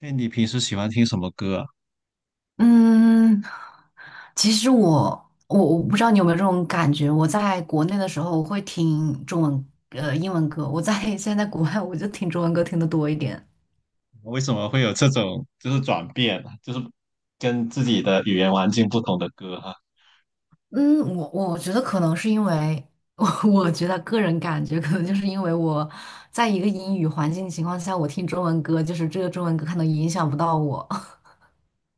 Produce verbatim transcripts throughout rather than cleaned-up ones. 哎，你平时喜欢听什么歌啊？嗯，其实我我我不知道你有没有这种感觉，我在国内的时候我会听中文呃英文歌，我在 现在在国外我就听中文歌听的多一点。为什么会有这种就是转变啊就是跟自己的语言环境不同的歌哈？嗯，我我觉得可能是因为 我我觉得个人感觉可能就是因为我在一个英语环境情况下，我听中文歌，就是这个中文歌可能影响不到我。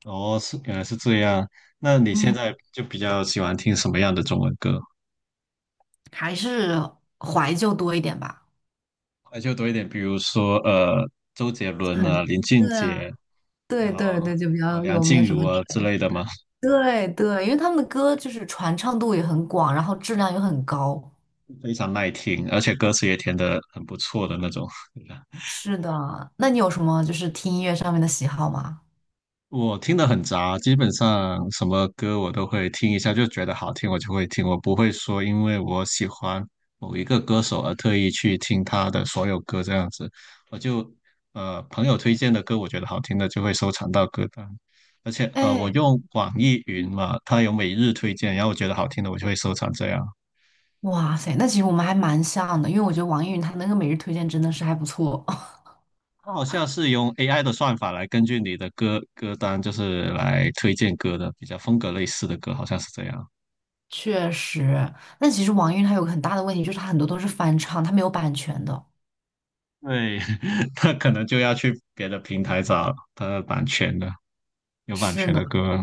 哦，是原来是这样。那 你现嗯，在就比较喜欢听什么样的中文歌？还是怀旧多一点吧。呃就多一点，比如说呃，周杰伦啊、很，林俊对啊，杰，对然后对对，就比啊较梁有没有静什么。茹啊之类的嘛，对对，因为他们的歌就是传唱度也很广，然后质量又很高。非常耐听，而且歌词也填的很不错的那种。是的，那你有什么就是听音乐上面的喜好吗？我听的很杂，基本上什么歌我都会听一下，就觉得好听我就会听，我不会说因为我喜欢某一个歌手而特意去听他的所有歌这样子。我就呃朋友推荐的歌，我觉得好听的就会收藏到歌单，而且呃我哎，用网易云嘛，它有每日推荐，然后我觉得好听的我就会收藏这样。哇塞，那其实我们还蛮像的，因为我觉得网易云它那个每日推荐真的是还不错。它好像是用 A I 的算法来根据你的歌歌单，就是来推荐歌的，比较风格类似的歌，好像是这样。确实，但其实网易云它有个很大的问题，就是它很多都是翻唱，它没有版权的。对，他可能就要去别的平台找他的版权的，有版是权的，的歌，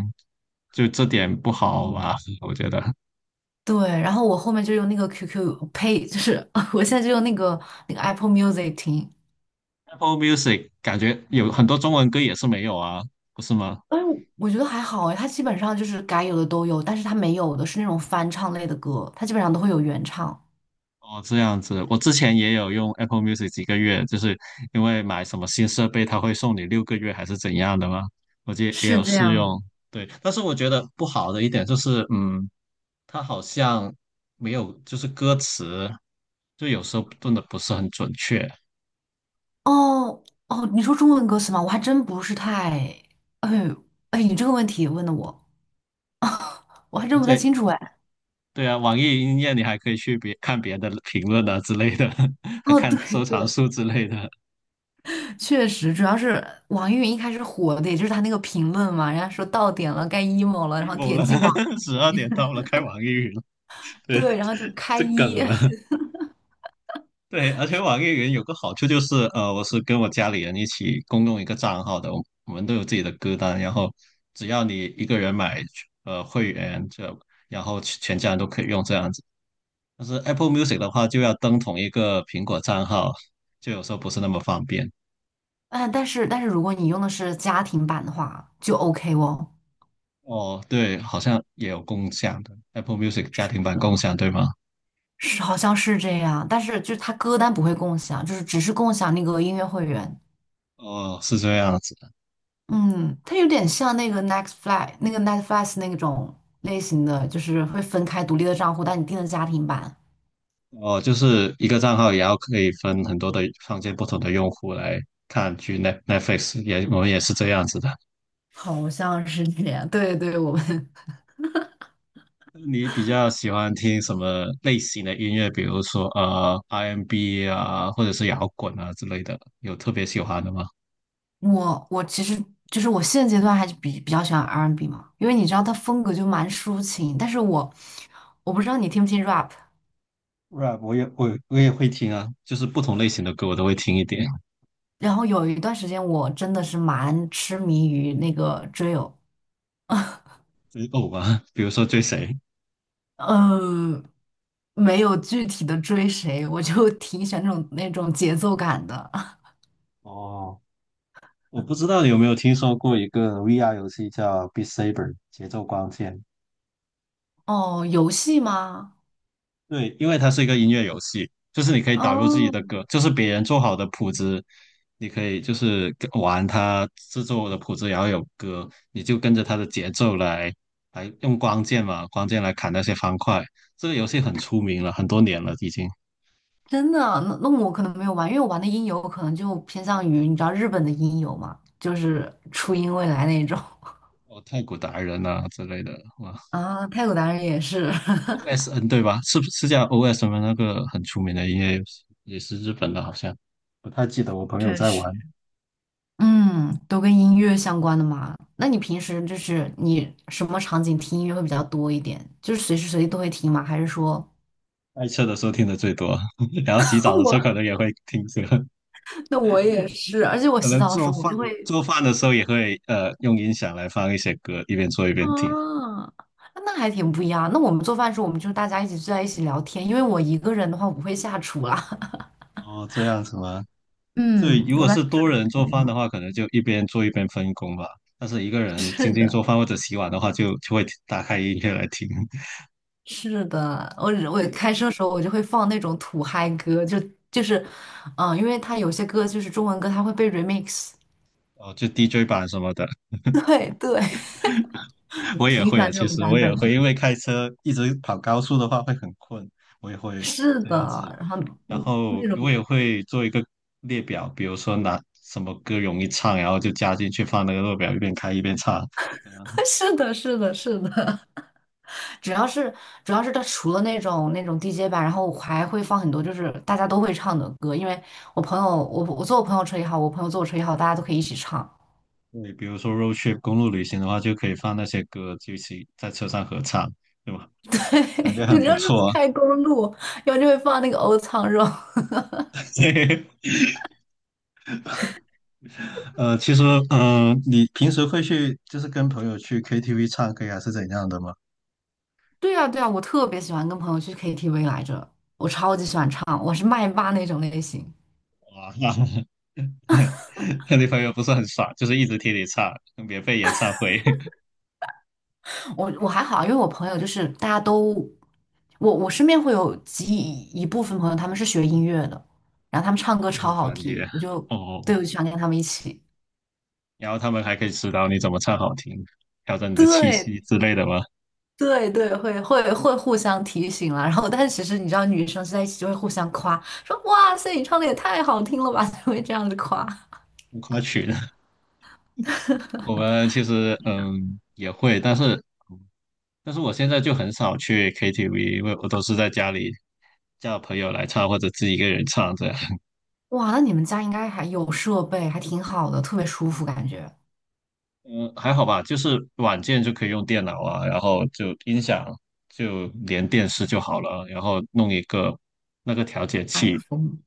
就这点不好吧？我觉得 对。然后我后面就用那个 Q Q Pay，就是 我现在就用那个那个 Apple Music 听。Apple Music 感觉有很多中文歌也是没有啊，不是吗？哎，我觉得还好哎，他基本上就是该有的都有，但是他没有的是那种翻唱类的歌，他基本上都会有原唱。哦，这样子，我之前也有用 Apple Music 几个月，就是因为买什么新设备，它会送你六个月还是怎样的吗？我记得也是有这试样。用，对，但是我觉得不好的一点就是，嗯，它好像没有就是歌词，就有时候炖的不是很准确。哦哦，你说中文歌词吗？我还真不是太……哎哎，你这个问题问的我，我还真不太对清楚哎。对啊，网易云音乐你还可以去别看别的评论啊之类的，还哦，看对收藏对，数之类的。确实，主要是网易云一开始火的，也就是他那个评论嘛，人家说到点了，该 emo 了，然后 emo 点了，击网 十易二云，点到了，开网易云了，对，对，然后就开这一。梗了。对，而且网易云有个好处就是，呃，我是跟我家里人一起共用一个账号的，我我们都有自己的歌单，然后只要你一个人买呃会员，这然后全全家人都可以用这样子。但是 Apple Music 的话，就要登同一个苹果账号，就有时候不是那么方便。嗯，但是但是如果你用的是家庭版的话，就 OK 哦。哦，对，好像也有共享的 Apple Music 家是庭版的。共享，对吗？是好像是这样，但是就是它歌单不会共享，就是只是共享那个音乐会员。哦，是这样子的。嗯，它有点像那个 n e x t f l y 那个 Netflix 那种类型的，就是会分开独立的账户，但你订的家庭版，哦，就是一个账号也要可以分很多的创建不同的用户来看去 Net f l i x 也我们也是这样子的。好像是这样。对对，我们 你比较喜欢听什么类型的音乐？比如说呃 R and B 啊，或者是摇滚啊之类的，有特别喜欢的吗 我我其实就是我现阶段还是比比较喜欢 R and B n 嘛，因为你知道它风格就蛮抒情，但是我我不知道你听不听 rap，？rap 我也我也我也会听啊，就是不同类型的歌我都会听一点，然后有一段时间我真的是蛮痴迷于那个 drill。追偶吧，比如说追谁？嗯，没有具体的追谁，我就 挺喜欢这种那种节奏感的。哦，我不知道你有没有听说过一个 V R 游戏叫《Beat Saber》节奏光剑。哦，游戏吗？对，因为它是一个音乐游戏，就是你可以导入自己哦，的歌，就是别人做好的谱子，你可以就是跟玩它制作的谱子，然后有歌，你就跟着它的节奏来，来用光剑嘛，光剑来砍那些方块。这个游戏很出名了，很多年了已经，真的啊，那那我可能没有玩，因为我玩的音游可能就偏向于你知道日本的音游嘛，就是初音未来那种 哦，太鼓达人啊之类的，哇，啊，太鼓达人也是，O S N 对吧？是不是叫 O S N 吗？那个很出名的音乐游戏，也是日本的，好像不太记得。我 朋友确在实。玩。嗯，都跟音乐相关的嘛。那你平时就是你什么场景听音乐会比较多一点？就是随时随地都会听吗？还是说？开车的时候听的最多，然后洗澡的 时候我？可能也会听着，那我也是，而且 我可洗能澡的时做候我饭就会做饭的时候也会呃用音响来放一些歌，一边做一边听。啊，那还挺不一样。那我们做饭的时候，我们就是大家一起坐在一起聊天，因为我一个人的话我不会下厨啦。哦，这样子吗？对，嗯，如我一果般是就是多跟人做朋饭的友。话，可能就一边做一边分工吧。但是一个 人是静静的，做饭或者洗碗的话就，就会打开音乐来听，是的，我我开 车的时候我就会放那种土嗨歌，就就是，嗯，因为它有些歌就是中文歌，它会被 remix。哦，就 D J 版什么的。对对，我 也挺喜会啊，欢这其种实版我也本会，的。因为开车一直跑高速的话会很困，我也会是这的，样子。然后然嗯后那我种 也会做一个列表，比如说拿什么歌容易唱，然后就加进去放那个列表，一边开一边唱。对， 是的，是的，是的。主要是主要是它除了那种那种 D J 版，然后我还会放很多就是大家都会唱的歌，因为我朋友我我坐我朋友车也好，我朋友坐我车也好，大家都可以一起唱。比如说 road trip 公路旅行的话，就可以放那些歌，就一起在车上合唱，对吧？感觉 对，很你不要是错啊。开公路，然后就会放那个欧唱肉。对，呃，其实，嗯、你平时会去就是跟朋友去 K T V 唱歌还是怎样的吗？对啊对啊，我特别喜欢跟朋友去 K T V 来着，我超级喜欢唱，我是麦霸那种类型。哇，那你朋友 不是很爽，就是一直听你唱免费演唱会，我我还好，因为我朋友就是大家都，我我身边会有几一部分朋友，他们是学音乐的，然后他们唱 歌就很超好专听，业我就对哦。我就想跟他们一起。然后他们还可以指导你怎么唱好听，调整你的气对息之类的吗？对对，会会会互相提醒啦。然后，但是其实你知道，女生在一起就会互相夸，说哇塞，你唱的也太好听了吧，就会这样子夸。浮夸群，我们其实嗯也会，但是但是我现在就很少去 K T V，因为我都是在家里叫朋友来唱或者自己一个人唱这样。哇，那你们家应该还有设备，还挺好的，特别舒服感觉。嗯，还好吧，就是软件就可以用电脑啊，然后就音响就连电视就好了啊，然后弄一个那个调节麦器，克风。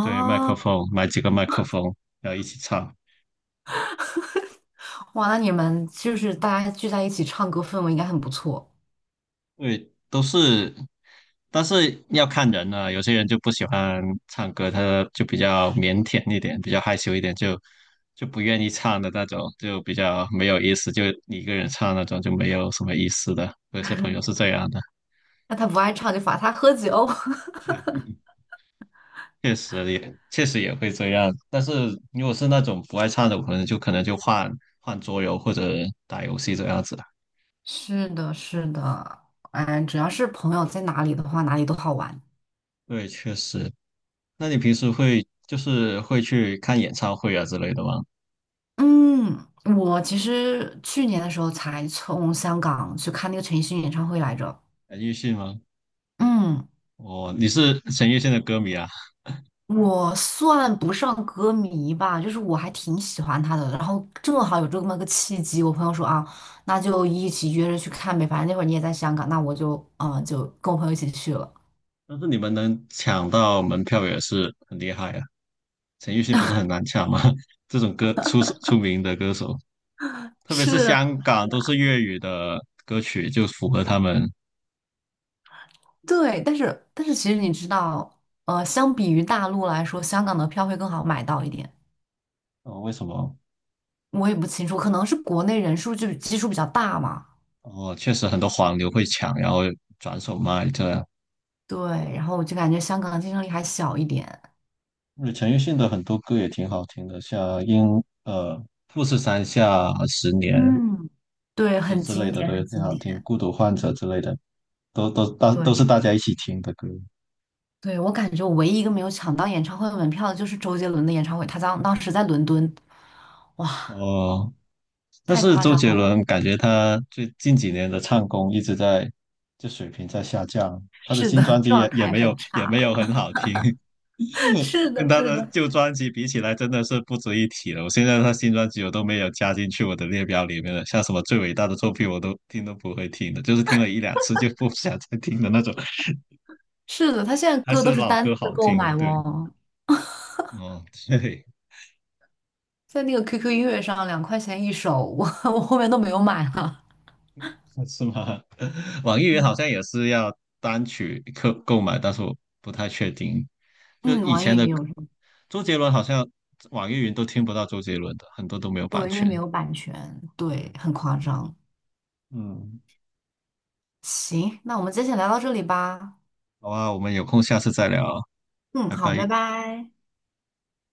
对，麦克风，买几个麦克风，然后一起唱，哇，那你们就是大家聚在一起唱歌，氛围应该很不错。对，都是，但是要看人啊，有些人就不喜欢唱歌，他就比较腼腆一点，比较害羞一点，就就不愿意唱的那种，就比较没有意思，就你一个人唱那种就没有什么意思的，有些朋友是这样的。那他不爱唱就罚他喝酒。确实也确实也会这样，但是如果是那种不爱唱的，我可能就可能就换换桌游或者打游戏这样子。是的，是的，哎，只要是朋友在哪里的话，哪里都好玩。对，确实。那你平时会就是会去看演唱会啊之类的吗？嗯，我其实去年的时候才从香港去看那个陈奕迅演唱会来着。陈奕迅吗？嗯，哦，你是陈奕迅的歌迷啊，我算不上歌迷吧，就是我还挺喜欢他的。然后正好有这么个契机，我朋友说啊，那就一起约着去看呗，反正那会儿你也在香港，那我就嗯、呃就跟我朋友一起去了。但是你们能抢到门票也是很厉害啊。陈奕迅不是很难抢吗？这种歌出出名的歌手，特别是是香港都是粤语的歌曲，就符合他们。对，但是但是其实你知道，呃，相比于大陆来说，香港的票会更好买到一点。哦，为什么？我也不清楚，可能是国内人数就基数比较大嘛。哦，确实很多黄牛会抢，然后转手卖这样。对，然后我就感觉香港的竞争力还小一点。而陈奕迅的很多歌也挺好听的，像《英》呃《富士山下十年》嗯，对，之很之类经的典，都也很挺经好听，典。《孤独患者》之类的都都大都是对，大家一起听的歌。对，我感觉我唯一一个没有抢到演唱会门票的就是周杰伦的演唱会，他当当时在伦敦，哇，哦，但太是夸周张杰了。伦感觉他最近几年的唱功一直在，就水平在下降，他的是的，新专辑状也也态没有很也没差。有很好听。是跟的，他是的的，旧专辑比起来，真的是不值一提了。我现在他新专辑我都没有加进去我的列表里面了，像什么最伟大的作品我都听都不会听的，就是听了一两次就不想再听的那种，是的，他现在还歌都是是老单歌次好购听。买对，哦。哦，对，在那个 Q Q 音乐上两块钱一首，我 我后面都没有买了。是吗？网易云好嗯，像也是要单曲购购买，但是我不太确定。就嗯，以网易前的云有歌，什么？周杰伦好像网易云都听不到周杰伦的，很多都没有版对，因为权。没有版权，对，对，很夸张。嗯，行，那我们今天先聊到这里吧。好啊，我们有空下次再聊啊。嗯，拜好，拜拜。拜。